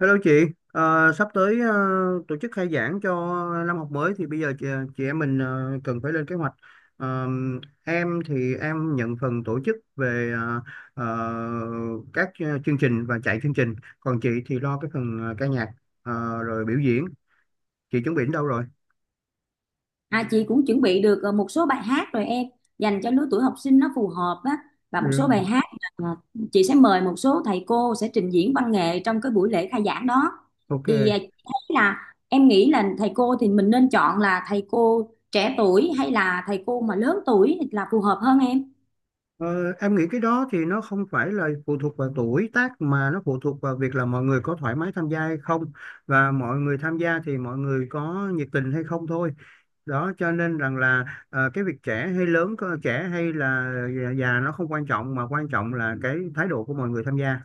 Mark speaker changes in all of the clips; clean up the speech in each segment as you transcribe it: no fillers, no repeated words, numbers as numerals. Speaker 1: Hello chị. Sắp tới tổ chức khai giảng cho năm học mới thì bây giờ chị em mình cần phải lên kế hoạch. Ờ, em thì em nhận phần tổ chức về ờ, các chương trình và chạy chương trình, còn chị thì lo cái phần ca nhạc ờ, rồi biểu diễn. Chị chuẩn bị đến đâu rồi?
Speaker 2: À, chị cũng chuẩn bị được một số bài hát rồi em, dành cho lứa tuổi học sinh nó phù hợp á, và
Speaker 1: Ừ.
Speaker 2: một số bài hát. Ờ, chị sẽ mời một số thầy cô sẽ trình diễn văn nghệ trong cái buổi lễ khai giảng đó. Thì
Speaker 1: Ok.
Speaker 2: chị thấy là em nghĩ là thầy cô thì mình nên chọn là thầy cô trẻ tuổi hay là thầy cô mà lớn tuổi là phù hợp hơn em?
Speaker 1: Ờ, em nghĩ cái đó thì nó không phải là phụ thuộc vào tuổi tác, mà nó phụ thuộc vào việc là mọi người có thoải mái tham gia hay không, và mọi người tham gia thì mọi người có nhiệt tình hay không thôi. Đó cho nên rằng là cái việc trẻ hay lớn trẻ hay là già già nó không quan trọng, mà quan trọng là cái thái độ của mọi người tham gia.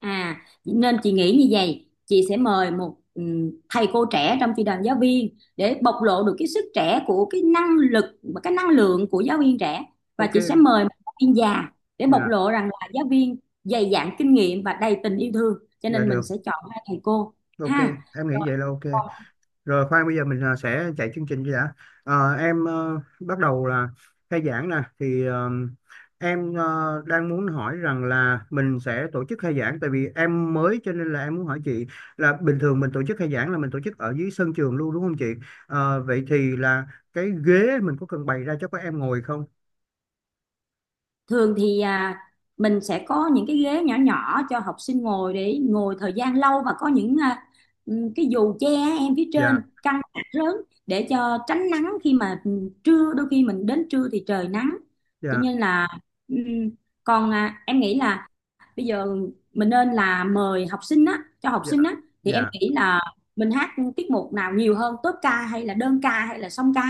Speaker 2: À, nên chị nghĩ như vậy, chị sẽ mời một thầy cô trẻ trong chị đoàn giáo viên để bộc lộ được cái sức trẻ của cái năng lực và cái năng lượng của giáo viên trẻ, và
Speaker 1: Ok.
Speaker 2: chị sẽ mời một giáo viên già để bộc
Speaker 1: Dạ,
Speaker 2: lộ rằng là giáo viên dày dặn kinh nghiệm và đầy tình yêu thương, cho
Speaker 1: dạ
Speaker 2: nên mình
Speaker 1: được.
Speaker 2: sẽ chọn hai thầy cô
Speaker 1: Ok,
Speaker 2: ha.
Speaker 1: em nghĩ vậy là ok. Rồi khoan bây giờ mình sẽ chạy chương trình đi đã. Em bắt đầu là khai giảng nè, thì em đang muốn hỏi rằng là mình sẽ tổ chức khai giảng, tại vì em mới cho nên là em muốn hỏi chị là bình thường mình tổ chức khai giảng là mình tổ chức ở dưới sân trường luôn đúng không chị? Vậy thì là cái ghế mình có cần bày ra cho các em ngồi không?
Speaker 2: Thường thì mình sẽ có những cái ghế nhỏ nhỏ cho học sinh ngồi để ngồi thời gian lâu, và có những cái dù che em phía trên
Speaker 1: Dạ.
Speaker 2: căng lớn để cho tránh nắng, khi mà trưa đôi khi mình đến trưa thì trời nắng, cho
Speaker 1: Dạ.
Speaker 2: nên là ừm, còn em nghĩ là bây giờ mình nên là mời học sinh á cho học
Speaker 1: Dạ.
Speaker 2: sinh á, thì em
Speaker 1: Dạ.
Speaker 2: nghĩ là mình hát tiết mục nào nhiều hơn, tốp ca hay là đơn ca hay là song ca?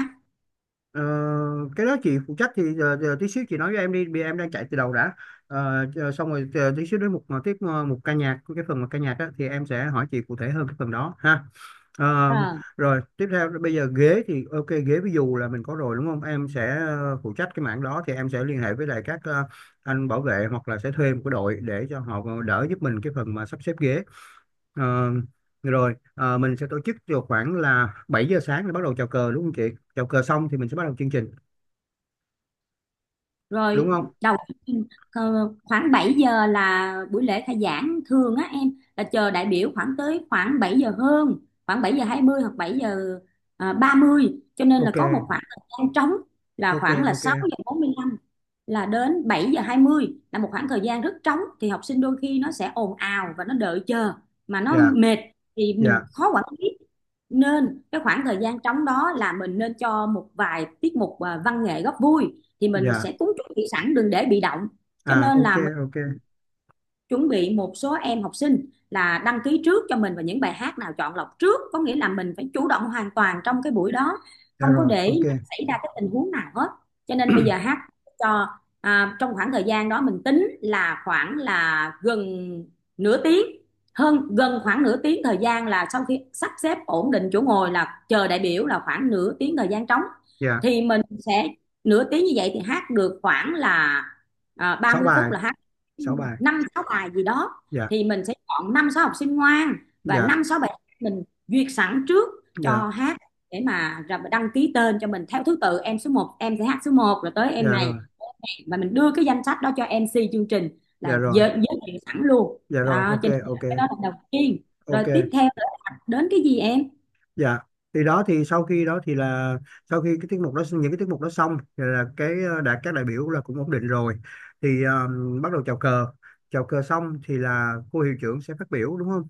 Speaker 1: Ờ, cái đó chị phụ trách thì giờ tí xíu chị nói với em đi, vì em đang chạy từ đầu đã. Xong rồi chờ tí xíu đến một tiếp một ca nhạc, cái phần một ca nhạc á, thì em sẽ hỏi chị cụ thể hơn cái phần đó ha. Ờ,
Speaker 2: Ờ.
Speaker 1: Rồi tiếp theo, bây giờ ghế thì ok, ghế ví dụ là mình có rồi đúng không, em sẽ phụ trách cái mảng đó, thì em sẽ liên hệ với lại các anh bảo vệ hoặc là sẽ thuê một cái đội để cho họ đỡ giúp mình cái phần mà sắp xếp ghế. Ờ, Rồi mình sẽ tổ chức vào khoảng là 7 giờ sáng để bắt đầu chào cờ, đúng không chị? Chào cờ xong thì mình sẽ bắt đầu chương trình,
Speaker 2: Rồi
Speaker 1: đúng không?
Speaker 2: đầu khoảng 7 giờ là buổi lễ khai giảng thường á em, là chờ đại biểu khoảng tới khoảng 7 giờ hơn, khoảng 7:20 hoặc 7 giờ ba mươi, cho nên là
Speaker 1: Ok.
Speaker 2: có một khoảng thời gian trống, là
Speaker 1: Ok.
Speaker 2: khoảng là
Speaker 1: Ok.
Speaker 2: 6:45 là đến 7:20, là một khoảng thời gian rất trống, thì học sinh đôi khi nó sẽ ồn ào và nó đợi chờ mà nó
Speaker 1: Dạ.
Speaker 2: mệt, thì
Speaker 1: Dạ.
Speaker 2: mình khó quản lý, nên cái khoảng thời gian trống đó là mình nên cho một vài tiết mục văn nghệ góp vui, thì mình
Speaker 1: Dạ.
Speaker 2: sẽ cúng chuẩn bị sẵn đừng để bị động, cho
Speaker 1: À,
Speaker 2: nên
Speaker 1: ok.
Speaker 2: là
Speaker 1: Ok.
Speaker 2: chuẩn bị một số em học sinh là đăng ký trước cho mình, và những bài hát nào chọn lọc trước, có nghĩa là mình phải chủ động hoàn toàn trong cái buổi đó,
Speaker 1: Dạ
Speaker 2: không có
Speaker 1: rồi.
Speaker 2: để
Speaker 1: Ok.
Speaker 2: xảy ra cái tình huống nào hết. Cho nên bây giờ hát cho trong khoảng thời gian đó mình tính là khoảng là gần nửa tiếng, hơn gần khoảng nửa tiếng thời gian, là sau khi sắp xếp ổn định chỗ ngồi, là chờ đại biểu là khoảng nửa tiếng thời gian trống,
Speaker 1: Dạ.
Speaker 2: thì mình sẽ nửa tiếng như vậy thì hát được khoảng là ba
Speaker 1: Sáu
Speaker 2: mươi phút
Speaker 1: bài.
Speaker 2: là hát
Speaker 1: Sáu bài.
Speaker 2: năm sáu bài gì đó,
Speaker 1: Dạ.
Speaker 2: thì mình sẽ chọn năm sáu học sinh ngoan và
Speaker 1: Dạ.
Speaker 2: năm sáu bài mình duyệt sẵn trước
Speaker 1: Dạ.
Speaker 2: cho hát, để mà đăng ký tên cho mình theo thứ tự em, số một em sẽ hát số một rồi tới
Speaker 1: Dạ
Speaker 2: em
Speaker 1: rồi.
Speaker 2: này, và mình đưa cái danh sách đó cho MC chương trình
Speaker 1: Dạ
Speaker 2: là
Speaker 1: rồi.
Speaker 2: giới thiệu sẵn luôn
Speaker 1: Dạ rồi.
Speaker 2: đó,
Speaker 1: Ok.
Speaker 2: cho nên
Speaker 1: Ok.
Speaker 2: là cái đó là đầu tiên. Rồi
Speaker 1: Ok.
Speaker 2: tiếp theo là đến cái gì em?
Speaker 1: Dạ. Thì đó thì sau khi đó thì là sau khi cái tiết mục đó, những cái tiết mục đó xong thì là cái đã các đại biểu là cũng ổn định rồi, thì bắt đầu chào cờ. Chào cờ xong thì là cô hiệu trưởng sẽ phát biểu, đúng không?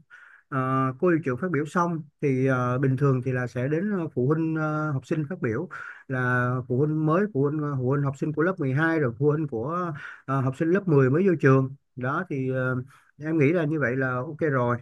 Speaker 1: Ờ, cô hiệu trưởng phát biểu xong thì bình thường thì là sẽ đến phụ huynh học sinh phát biểu, là phụ huynh mới, phụ huynh phụ huynh học sinh của lớp 12, rồi phụ huynh của học sinh lớp 10 mới vô trường đó, thì em nghĩ là như vậy là ok rồi.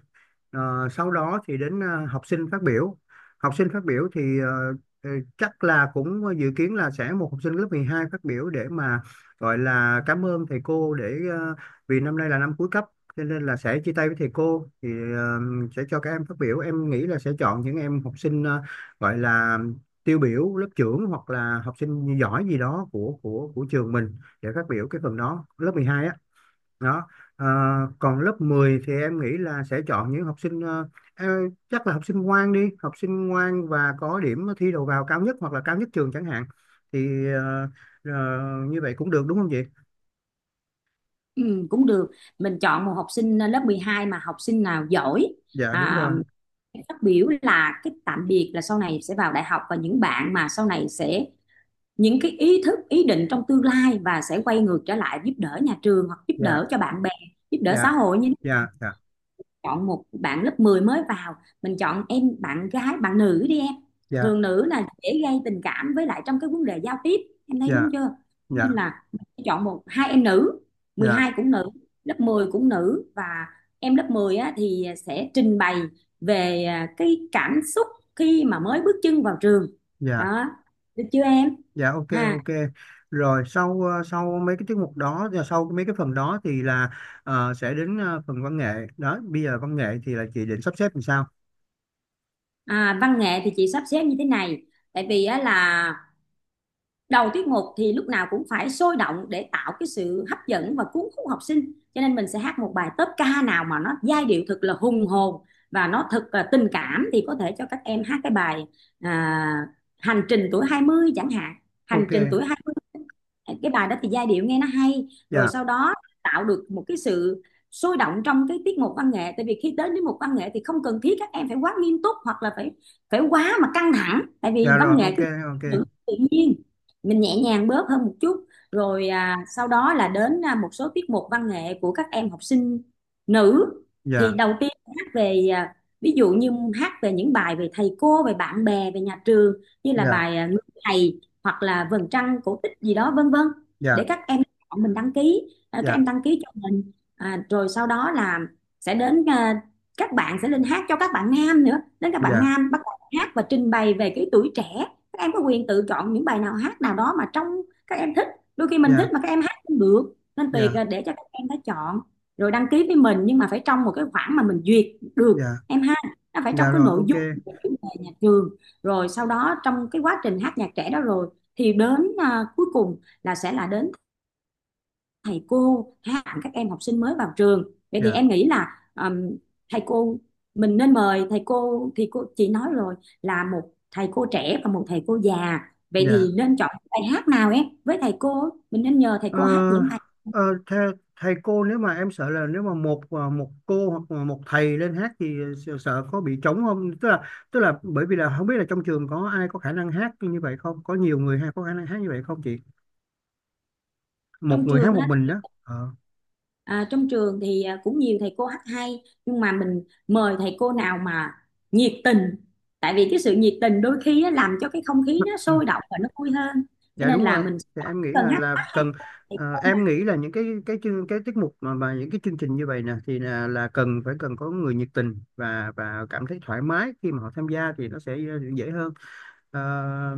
Speaker 1: Sau đó thì đến học sinh phát biểu. Học sinh phát biểu thì ờ, chắc là cũng dự kiến là sẽ một học sinh lớp 12 phát biểu để mà gọi là cảm ơn thầy cô, để vì năm nay là năm cuối cấp cho nên là sẽ chia tay với thầy cô, thì ờ, sẽ cho các em phát biểu. Em nghĩ là sẽ chọn những em học sinh gọi là tiêu biểu, lớp trưởng hoặc là học sinh giỏi gì đó của trường mình để phát biểu cái phần đó, lớp 12 á. Đó. Ờ, Còn lớp 10 thì em nghĩ là sẽ chọn những học sinh chắc là học sinh ngoan đi, học sinh ngoan và có điểm thi đầu vào cao nhất hoặc là cao nhất trường chẳng hạn, thì ờ, như vậy cũng được đúng không chị?
Speaker 2: Ừ, cũng được. Mình chọn một học sinh lớp 12 mà học sinh nào giỏi,
Speaker 1: Dạ đúng
Speaker 2: à,
Speaker 1: rồi.
Speaker 2: phát biểu là cái tạm biệt, là sau này sẽ vào đại học, và những bạn mà sau này sẽ những cái ý thức ý định trong tương lai và sẽ quay ngược trở lại giúp đỡ nhà trường, hoặc giúp
Speaker 1: Dạ.
Speaker 2: đỡ cho bạn bè, giúp đỡ xã
Speaker 1: Dạ.
Speaker 2: hội. Như
Speaker 1: Dạ. Dạ.
Speaker 2: chọn một bạn lớp 10 mới vào, mình chọn em bạn gái bạn nữ đi em,
Speaker 1: Dạ.
Speaker 2: thường nữ là dễ gây tình cảm với lại trong cái vấn đề giao tiếp, em thấy
Speaker 1: Dạ.
Speaker 2: đúng chưa? Cho
Speaker 1: Dạ.
Speaker 2: nên là mình sẽ chọn một hai em nữ, mười
Speaker 1: Dạ.
Speaker 2: hai cũng nữ, lớp 10 cũng nữ, và em lớp 10 á, thì sẽ trình bày về cái cảm xúc khi mà mới bước chân vào trường
Speaker 1: Dạ.
Speaker 2: đó, được chưa em?
Speaker 1: Dạ. Ok.
Speaker 2: Ha.
Speaker 1: Ok. Rồi sau sau mấy cái tiết mục đó và sau mấy cái phần đó thì là sẽ đến phần văn nghệ đó. Bây giờ văn nghệ thì là chị định sắp xếp làm sao?
Speaker 2: Văn nghệ thì chị sắp xếp như thế này, tại vì á, là đầu tiết mục thì lúc nào cũng phải sôi động để tạo cái sự hấp dẫn và cuốn hút học sinh, cho nên mình sẽ hát một bài tốp ca nào mà nó giai điệu thật là hùng hồn và nó thật là tình cảm, thì có thể cho các em hát cái bài à, hành trình tuổi 20 chẳng hạn. Hành
Speaker 1: Ok.
Speaker 2: trình tuổi 20, cái bài đó thì giai điệu nghe nó hay, rồi
Speaker 1: Dạ.
Speaker 2: sau đó tạo được một cái sự sôi động trong cái tiết mục văn nghệ, tại vì khi đến đến một văn nghệ thì không cần thiết các em phải quá nghiêm túc, hoặc là phải phải quá mà căng thẳng, tại vì
Speaker 1: Dạ
Speaker 2: văn
Speaker 1: rồi.
Speaker 2: nghệ
Speaker 1: Ok.
Speaker 2: cứ
Speaker 1: Ok.
Speaker 2: tự nhiên, mình nhẹ nhàng bớt hơn một chút. Rồi sau đó là đến một số tiết mục văn nghệ của các em học sinh nữ, thì
Speaker 1: Dạ.
Speaker 2: đầu tiên hát về ví dụ như hát về những bài về thầy cô, về bạn bè, về nhà trường, như là
Speaker 1: Dạ.
Speaker 2: bài người thầy, hoặc là vầng trăng cổ tích gì đó vân vân, để
Speaker 1: Dạ.
Speaker 2: các em chọn mình đăng ký, các em
Speaker 1: Dạ.
Speaker 2: đăng ký cho mình, rồi sau đó là sẽ đến các bạn sẽ lên hát cho các bạn nam nữa, đến các bạn
Speaker 1: Dạ.
Speaker 2: nam bắt đầu hát và trình bày về cái tuổi trẻ. Các em có quyền tự chọn những bài nào hát nào đó mà trong các em thích, đôi khi mình thích
Speaker 1: Dạ.
Speaker 2: mà các em hát không được nên tùy
Speaker 1: Dạ.
Speaker 2: để cho các em đã chọn rồi đăng ký với mình, nhưng mà phải trong một cái khoảng mà mình duyệt được
Speaker 1: Dạ.
Speaker 2: em ha, nó phải trong
Speaker 1: Dạ
Speaker 2: cái
Speaker 1: rồi.
Speaker 2: nội
Speaker 1: Ok.
Speaker 2: dung về chủ đề nhà trường. Rồi sau đó trong cái quá trình hát nhạc trẻ đó rồi, thì đến cuối cùng là sẽ là đến thầy cô hạ các em học sinh mới vào trường, vậy thì
Speaker 1: Dạ.
Speaker 2: em nghĩ là thầy cô, mình nên mời thầy cô thì cô chị nói rồi, là một thầy cô trẻ và một thầy cô già. Vậy
Speaker 1: Dạ.
Speaker 2: thì nên chọn bài hát nào em, với thầy cô mình nên nhờ thầy
Speaker 1: ờ,
Speaker 2: cô hát những bài
Speaker 1: ờ, thầy, Thầy cô, nếu mà em sợ là nếu mà một cô hoặc là một thầy lên hát thì sợ có bị trống không, tức là bởi vì là không biết là trong trường có ai có khả năng hát như vậy không, có nhiều người hay có khả năng hát như vậy không chị? Một
Speaker 2: trong
Speaker 1: người
Speaker 2: trường
Speaker 1: hát một
Speaker 2: á.
Speaker 1: mình đó ờ
Speaker 2: Trong trường thì cũng nhiều thầy cô hát hay, nhưng mà mình mời thầy cô nào mà nhiệt tình, tại vì cái sự nhiệt tình đôi khi á, làm cho cái không khí nó
Speaker 1: ừ.
Speaker 2: sôi động và nó vui hơn, cho
Speaker 1: Dạ
Speaker 2: nên
Speaker 1: đúng
Speaker 2: là
Speaker 1: rồi.
Speaker 2: mình
Speaker 1: Thì em nghĩ
Speaker 2: cần
Speaker 1: là
Speaker 2: hát
Speaker 1: là
Speaker 2: hát hay
Speaker 1: cần.
Speaker 2: thầy cô
Speaker 1: Em
Speaker 2: nào.
Speaker 1: nghĩ là những cái tiết mục mà những cái chương trình như vậy nè, thì là cần phải cần có người nhiệt tình và cảm thấy thoải mái khi mà họ tham gia thì nó sẽ dễ hơn. Ờ,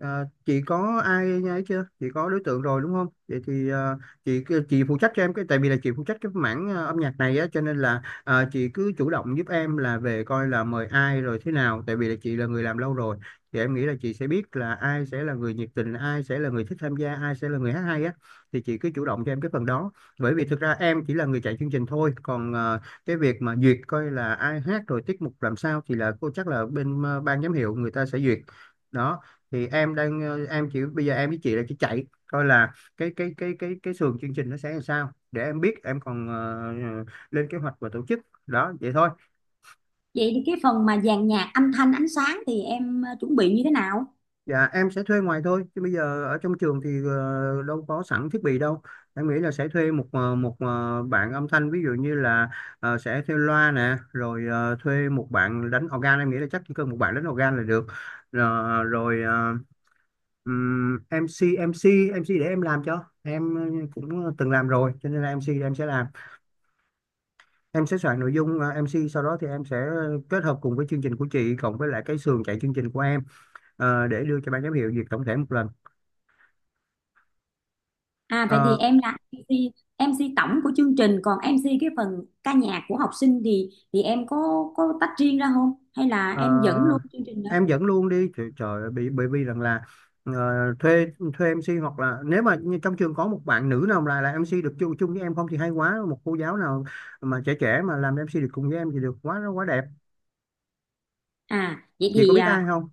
Speaker 1: ờ, chị có ai ấy chưa, chị có đối tượng rồi đúng không? Vậy thì chị phụ trách cho em cái, tại vì là chị phụ trách cái mảng âm nhạc này á, cho nên là chị cứ chủ động giúp em là về coi là mời ai rồi thế nào, tại vì là chị là người làm lâu rồi, thì em nghĩ là chị sẽ biết là ai sẽ là người nhiệt tình, ai sẽ là người thích tham gia, ai sẽ là người hát hay á, thì chị cứ chủ động cho em cái phần đó. Bởi vì thực ra em chỉ là người chạy chương trình thôi, còn cái việc mà duyệt coi là ai hát rồi tiết mục làm sao, thì là cô chắc là bên ban giám hiệu người ta sẽ duyệt đó. Thì em đang em chỉ bây giờ em với chị là chỉ chạy coi là cái sườn chương trình nó sẽ làm sao, để em biết em còn ờ, lên kế hoạch và tổ chức đó, vậy thôi.
Speaker 2: Vậy thì cái phần mà dàn nhạc, âm thanh, ánh sáng thì em chuẩn bị như thế nào?
Speaker 1: Dạ em sẽ thuê ngoài thôi, chứ bây giờ ở trong trường thì đâu có sẵn thiết bị đâu. Em nghĩ là sẽ thuê một bạn âm thanh, ví dụ như là sẽ thuê loa nè, rồi thuê một bạn đánh organ. Em nghĩ là chắc chỉ cần một bạn đánh organ là được. Rồi MC MC MC để em làm, cho em cũng từng làm rồi cho nên là MC em sẽ làm. Em sẽ soạn nội dung MC, sau đó thì em sẽ kết hợp cùng với chương trình của chị cộng với lại cái sườn chạy chương trình của em để đưa cho ban giám hiệu duyệt tổng thể một lần.
Speaker 2: À vậy thì
Speaker 1: Ờ,
Speaker 2: em là em MC tổng của chương trình, còn em MC cái phần ca nhạc của học sinh thì em có tách riêng ra không, hay là
Speaker 1: ờ,
Speaker 2: em dẫn luôn chương trình đó?
Speaker 1: em dẫn luôn đi, trời ơi, bởi vì rằng là ờ, thuê thuê MC, hoặc là nếu mà như trong trường có một bạn nữ nào là MC được chung chung với em không thì hay quá, một cô giáo nào mà trẻ trẻ mà làm MC được cùng với em thì được quá quá đẹp.
Speaker 2: À vậy
Speaker 1: Chị có
Speaker 2: thì
Speaker 1: biết ai không?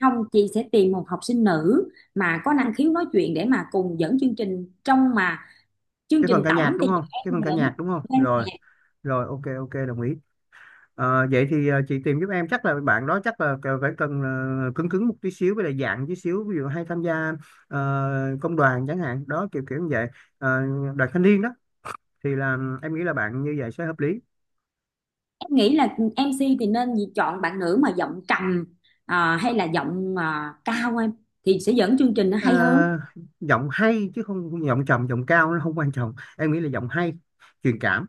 Speaker 2: không, chị sẽ tìm một học sinh nữ mà có năng khiếu nói chuyện để mà cùng dẫn chương trình, trong mà chương
Speaker 1: Cái phần
Speaker 2: trình
Speaker 1: ca
Speaker 2: tổng
Speaker 1: nhạc
Speaker 2: thì
Speaker 1: đúng không, cái phần ca nhạc đúng không?
Speaker 2: em
Speaker 1: Rồi.
Speaker 2: dẫn.
Speaker 1: Rồi. Ok. Ok. Đồng ý. Vậy thì chị tìm giúp em. Chắc là bạn đó chắc là phải cần cứng cứng một tí xíu, với lại dạng tí xíu, ví dụ hay tham gia ờ, công đoàn chẳng hạn, đó kiểu kiểu như vậy. Ờ, Đoàn thanh niên đó, thì là em nghĩ là bạn như vậy sẽ hợp lý.
Speaker 2: Em nghĩ là em MC thì nên chọn bạn nữ mà giọng trầm, hay là giọng cao em, thì sẽ dẫn chương trình nó
Speaker 1: Ờ,
Speaker 2: hay hơn.
Speaker 1: Giọng hay chứ không, giọng trầm giọng cao nó không quan trọng, em nghĩ là giọng hay, truyền cảm.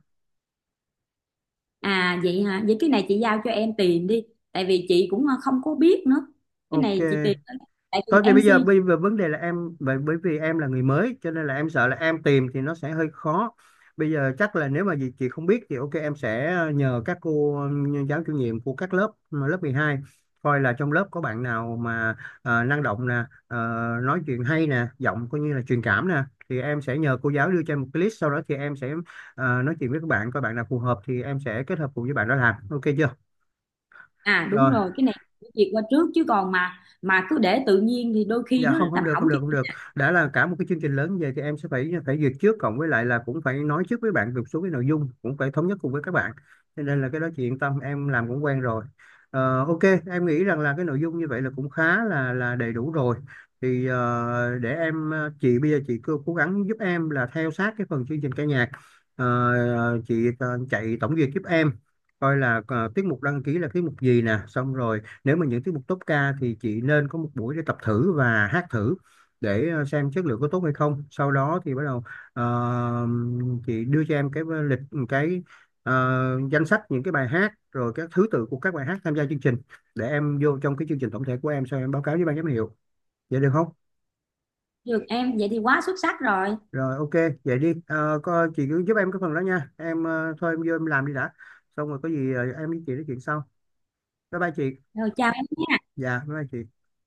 Speaker 2: À vậy hả, vậy cái này chị giao cho em tìm đi, tại vì chị cũng không có biết nữa, cái
Speaker 1: Ok.
Speaker 2: này chị tìm thôi. Tại vì
Speaker 1: Thôi thì
Speaker 2: em
Speaker 1: bây
Speaker 2: MC.
Speaker 1: giờ vấn đề là em, bởi bởi vì em là người mới cho nên là em sợ là em tìm thì nó sẽ hơi khó. Bây giờ chắc là nếu mà gì chị không biết thì ok, em sẽ nhờ các cô giáo chủ nhiệm của các lớp mà lớp 12, coi là trong lớp có bạn nào mà năng động nè, nói chuyện hay nè, giọng coi như là truyền cảm nè, thì em sẽ nhờ cô giáo đưa cho em một cái list, sau đó thì em sẽ nói chuyện với các bạn coi bạn nào phù hợp thì em sẽ kết hợp cùng với bạn đó làm. Ok chưa?
Speaker 2: À đúng
Speaker 1: Rồi.
Speaker 2: rồi, cái này chị duyệt qua trước, chứ còn mà cứ để tự nhiên thì đôi khi
Speaker 1: Dạ
Speaker 2: nó
Speaker 1: không, không
Speaker 2: làm
Speaker 1: được,
Speaker 2: hỏng
Speaker 1: không được,
Speaker 2: chương
Speaker 1: không
Speaker 2: trình.
Speaker 1: được. Đã là cả một cái chương trình lớn, vậy thì em sẽ phải phải duyệt trước, cộng với lại là cũng phải nói trước với bạn một số cái nội dung, cũng phải thống nhất cùng với các bạn, cho nên là cái đó chị yên tâm, em làm cũng quen rồi. Ok. Em nghĩ rằng là cái nội dung như vậy là cũng khá là đầy đủ rồi, thì để chị bây giờ chị cố cố gắng giúp em là theo sát cái phần chương trình ca nhạc. Ờ, chị chạy tổng duyệt giúp em, coi là tiết mục đăng ký là tiết mục gì nè, xong rồi nếu mà những tiết mục top ca thì chị nên có một buổi để tập thử và hát thử, để xem chất lượng có tốt hay không, sau đó thì bắt đầu ờ, chị đưa cho em cái lịch, cái ờ, danh sách những cái bài hát rồi các thứ tự của các bài hát tham gia chương trình, để em vô trong cái chương trình tổng thể của em, sau em báo cáo với ban giám hiệu, vậy được không?
Speaker 2: Được em, vậy thì quá xuất sắc rồi.
Speaker 1: Rồi. Ok, vậy đi. Ờ, có, chị cứ giúp em cái phần đó nha em. Ờ, Thôi em vô em làm đi đã, xong rồi có gì em với chị nói chuyện sau. Bye bye chị.
Speaker 2: Rồi, chào em nhé.
Speaker 1: Dạ bye bye chị.